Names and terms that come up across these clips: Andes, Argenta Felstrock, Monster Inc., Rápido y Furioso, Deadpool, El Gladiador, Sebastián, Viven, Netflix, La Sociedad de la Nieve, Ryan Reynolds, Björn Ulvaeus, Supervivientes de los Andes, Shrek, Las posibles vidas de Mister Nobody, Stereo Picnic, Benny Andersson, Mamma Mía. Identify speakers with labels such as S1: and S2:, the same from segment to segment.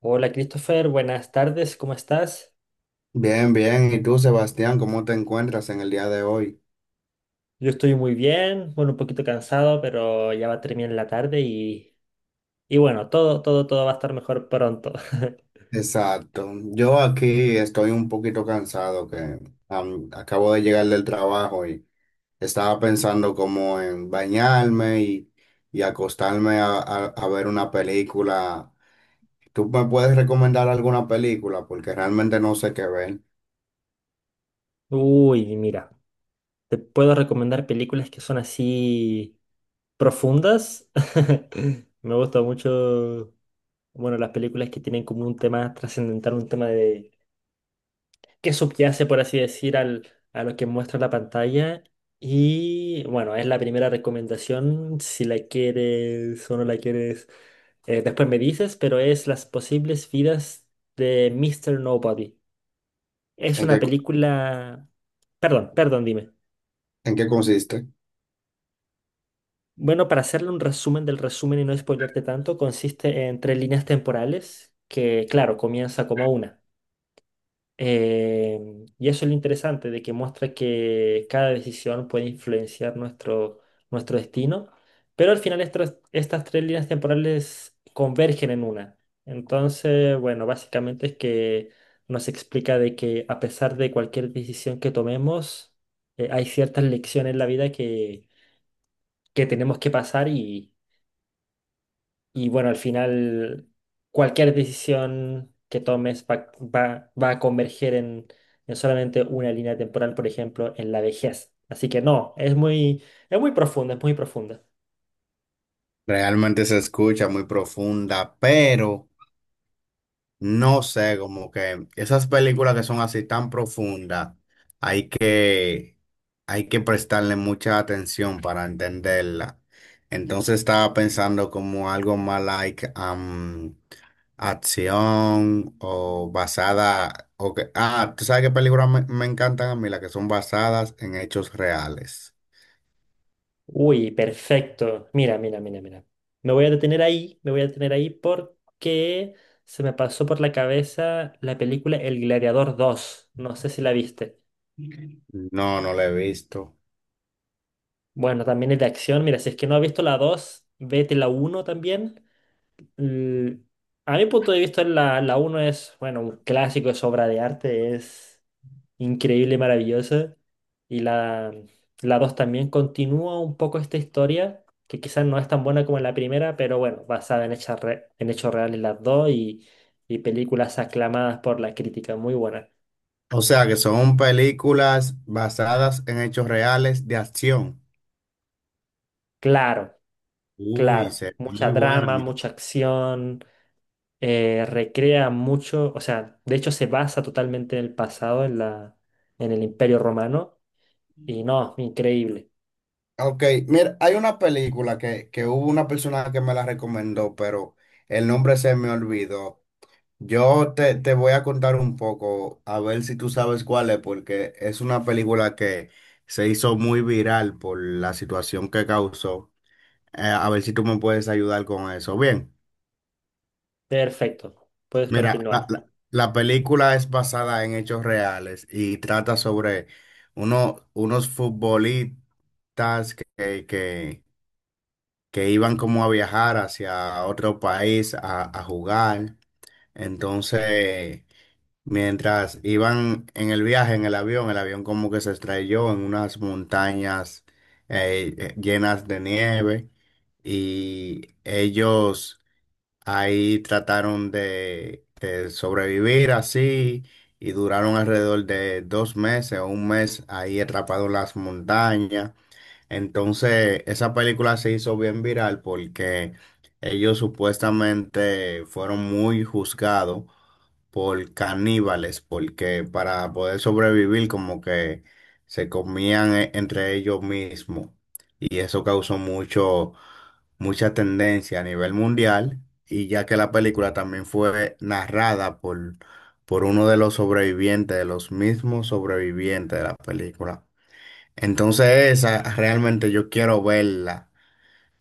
S1: Hola Christopher, buenas tardes, ¿cómo estás?
S2: Bien, bien. ¿Y tú, Sebastián, cómo te encuentras en el día de hoy?
S1: Yo estoy muy bien, bueno, un poquito cansado, pero ya va a terminar la tarde y bueno, todo va a estar mejor pronto.
S2: Exacto. Yo aquí estoy un poquito cansado que acabo de llegar del trabajo y estaba pensando como en bañarme y acostarme a ver una película. ¿Tú me puedes recomendar alguna película? Porque realmente no sé qué ver.
S1: Uy, mira, te puedo recomendar películas que son así profundas. Me gusta mucho, bueno, las películas que tienen como un tema trascendental, un tema de que subyace, por así decir, al, a lo que muestra la pantalla. Y bueno, es la primera recomendación, si la quieres o no la quieres, después me dices, pero es Las posibles vidas de Mister Nobody. Es
S2: ¿En
S1: una
S2: qué, co-
S1: película. Perdón, perdón, dime.
S2: en qué consiste?
S1: Bueno, para hacerle un resumen del resumen y no spoilearte tanto, consiste en tres líneas temporales que, claro, comienza como una. Y eso es lo interesante, de que muestra que cada decisión puede influenciar nuestro destino, pero al final estas tres líneas temporales convergen en una. Entonces, bueno, básicamente es que nos explica de que a pesar de cualquier decisión que tomemos, hay ciertas lecciones en la vida que tenemos que pasar y bueno, al final cualquier decisión que tomes va a converger en solamente una línea temporal, por ejemplo, en la vejez. Así que no, es muy profunda, es muy profunda.
S2: Realmente se escucha muy profunda, pero no sé, como que esas películas que son así tan profundas, hay que, hay que prestarle mucha atención para entenderla. Entonces estaba pensando como algo más like acción o basada, o que, ah, ¿tú sabes qué películas me encantan a mí? Las que son basadas en hechos reales.
S1: Uy, perfecto. Mira, mira, mira, mira. Me voy a detener ahí, me voy a detener ahí porque se me pasó por la cabeza la película El Gladiador dos. No sé si la viste.
S2: No, no la he visto.
S1: Bueno, también es de acción. Mira, si es que no has visto la 2 vete la uno también. Mm, a mi punto de vista, la uno es, bueno, un clásico, es obra de arte, es increíble, y maravillosa. Y la 2 también continúa un poco esta historia, que quizás no es tan buena como la primera, pero bueno, basada en, hechas re- en hechos reales las dos y películas aclamadas por la crítica, muy buenas.
S2: O sea, que son películas basadas en hechos reales de acción.
S1: Claro,
S2: Uy,
S1: claro, mucha
S2: muy buena.
S1: drama, mucha acción, recrea mucho, o sea, de hecho se basa totalmente en el pasado, en la, en el Imperio Romano. Y no, increíble.
S2: Ok, mira, hay una película que hubo una persona que me la recomendó, pero el nombre se me olvidó. Yo te voy a contar un poco, a ver si tú sabes cuál es, porque es una película que se hizo muy viral por la situación que causó. A ver si tú me puedes ayudar con eso. Bien.
S1: Perfecto. Puedes
S2: Mira,
S1: continuar.
S2: la película es basada en hechos reales y trata sobre unos futbolistas que iban como a viajar hacia otro país a jugar. Entonces, mientras iban en el viaje, en el avión como que se estrelló en unas montañas llenas de nieve y ellos ahí trataron de sobrevivir así y duraron alrededor de dos meses o un mes ahí atrapados en las montañas. Entonces, esa película se hizo bien viral porque ellos supuestamente fueron muy juzgados por caníbales, porque para poder sobrevivir como que se comían entre ellos mismos y eso causó mucha tendencia a nivel mundial y ya que la película también fue narrada por uno de los sobrevivientes, de los mismos sobrevivientes de la película. Entonces esa realmente yo quiero verla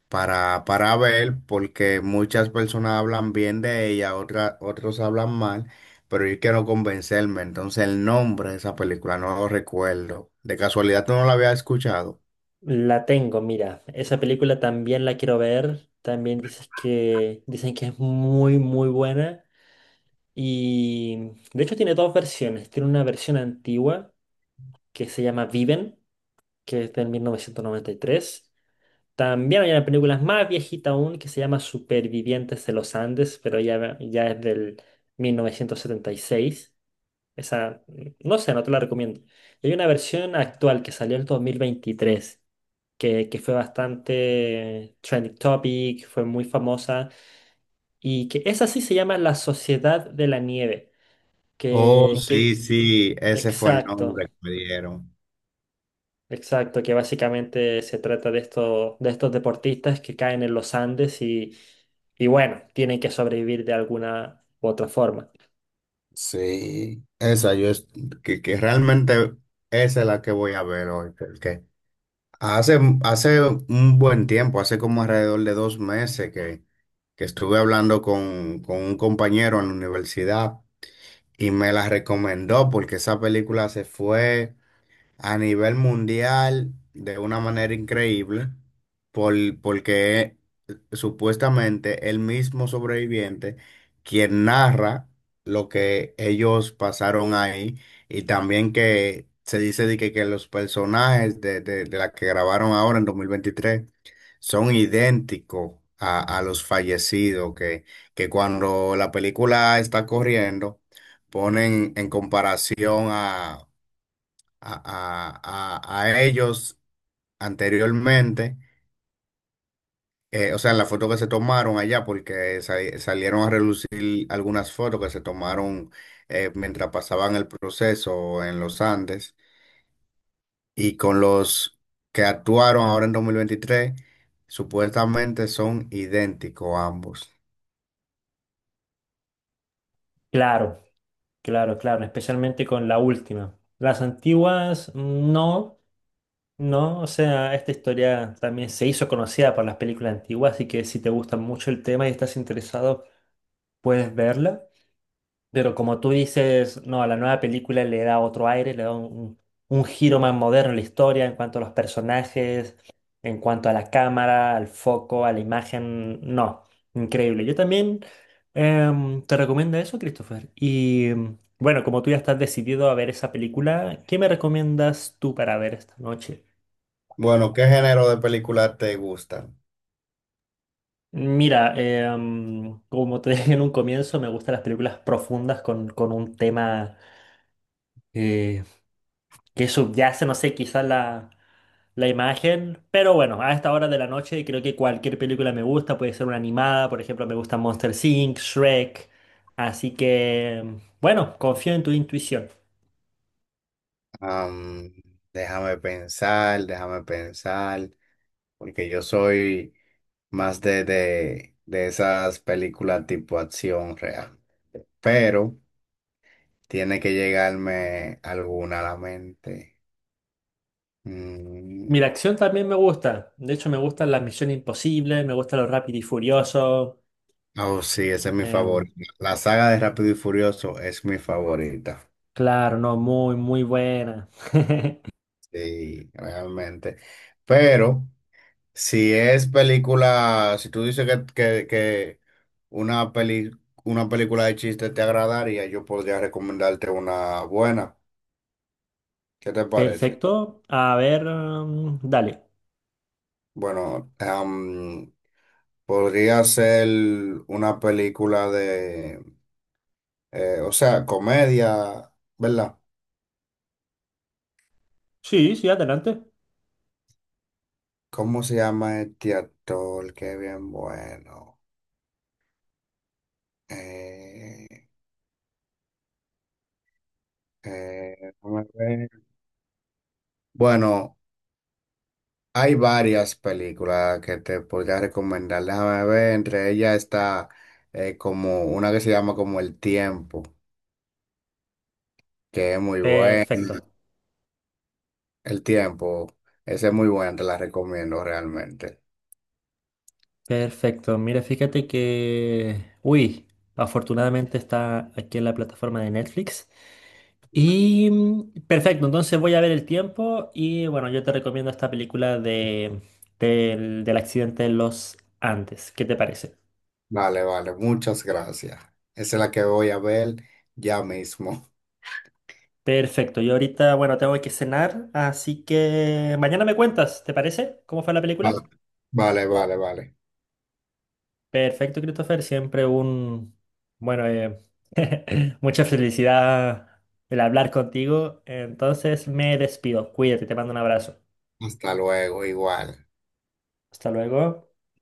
S2: para ver, porque muchas personas hablan bien de ella, otros hablan mal, pero yo quiero convencerme. Entonces, el nombre de esa película no lo recuerdo. De casualidad, ¿tú no la había escuchado?
S1: La tengo, mira. Esa película también la quiero ver. También dices que dicen que es muy, muy buena. Y de hecho tiene dos versiones. Tiene una versión antigua que se llama Viven, que es de 1993. También hay una película más viejita aún que se llama Supervivientes de los Andes, pero ya, ya es del 1976. Esa, no sé, no te la recomiendo. Y hay una versión actual que salió en el 2023, que fue bastante trending topic, fue muy famosa, y que esa sí se llama La Sociedad de la Nieve,
S2: Oh, sí,
S1: que
S2: sí, ese fue el nombre
S1: exacto,
S2: que me dieron.
S1: exacto, que básicamente se trata de, esto, de estos deportistas que caen en los Andes y bueno, tienen que sobrevivir de alguna u otra forma.
S2: Sí, esa yo es que realmente esa es la que voy a ver hoy, porque hace un buen tiempo, hace como alrededor de dos meses que estuve hablando con un compañero en la universidad y me la recomendó porque esa película se fue a nivel mundial de una manera increíble, por, porque supuestamente el mismo sobreviviente quien narra lo que ellos pasaron ahí y también que se dice de que los personajes de la que grabaron ahora en 2023 son idénticos a los fallecidos, que cuando la película está corriendo ponen en comparación a, a- a ellos anteriormente, o sea, en la foto que se tomaron allá, porque salieron a relucir algunas fotos que se tomaron mientras pasaban el proceso en los Andes, y con los que actuaron ahora en 2023 supuestamente son idénticos ambos.
S1: Claro, claro, claro, especialmente con la última. Las antiguas no, no, o sea, esta historia también se hizo conocida por las películas antiguas, así que si te gusta mucho el tema y estás interesado, puedes verla. Pero como tú dices, no, a la nueva película le da otro aire, le da un giro más moderno a la historia en cuanto a los personajes, en cuanto a la cámara, al foco, a la imagen. No, increíble. Yo también te recomiendo eso, Christopher. Bueno, como tú ya estás decidido a ver esa película, ¿qué me recomiendas tú para ver esta noche?
S2: Bueno, ¿qué género de películas te gustan?
S1: Mira, como te dije en un comienzo, me gustan las películas profundas con un tema eh, que subyace, no sé, quizás la, la imagen, pero bueno, a esta hora de la noche creo que cualquier película me gusta, puede ser una animada, por ejemplo, me gusta Monster Inc., Shrek, así que bueno, confío en tu intuición.
S2: Am, déjame pensar. Porque yo soy más de esas películas tipo acción real. Pero tiene que llegarme alguna a la mente.
S1: Mira,
S2: Mm.
S1: acción también me gusta. De hecho, me gustan las misiones imposibles, me gusta lo rápido y furioso.
S2: Oh, sí, esa es mi
S1: Em,
S2: favorita. La saga de Rápido y Furioso es mi favorita.
S1: claro, no, muy, muy buena.
S2: Sí, realmente. Pero si es película, si tú dices que una peli, una película de chiste te agradaría, yo podría recomendarte una buena. ¿Qué te parece?
S1: Perfecto. A ver, dale.
S2: Bueno, podría ser una película o sea, comedia, ¿verdad?
S1: Sí, sí, adelante.
S2: ¿Cómo se llama este actor? Qué bien bueno. Eh, eh, déjame ver. Bueno, hay varias películas que te podría recomendar. Déjame ver, entre ellas está como una que se llama como El Tiempo, que es muy buena.
S1: Perfecto.
S2: El Tiempo, esa es muy buena, te la recomiendo realmente.
S1: Perfecto. Mira, fíjate que, uy, afortunadamente está aquí en la plataforma de Netflix. Y mm, perfecto, entonces voy a ver el tiempo y bueno, yo te recomiendo esta película de, del, del accidente de los Andes. ¿Qué te parece?
S2: Vale, vale, muchas gracias. Esa es la que voy a ver ya mismo.
S1: Perfecto, yo ahorita, bueno, tengo que cenar, así que mañana me cuentas, ¿te parece? ¿Cómo fue la película?
S2: Vale, vale, vale. Vale.
S1: Perfecto, Christopher. Siempre un, bueno, mucha felicidad el hablar contigo. Entonces me despido. Cuídate, te mando un abrazo.
S2: Hasta luego, igual.
S1: Hasta luego.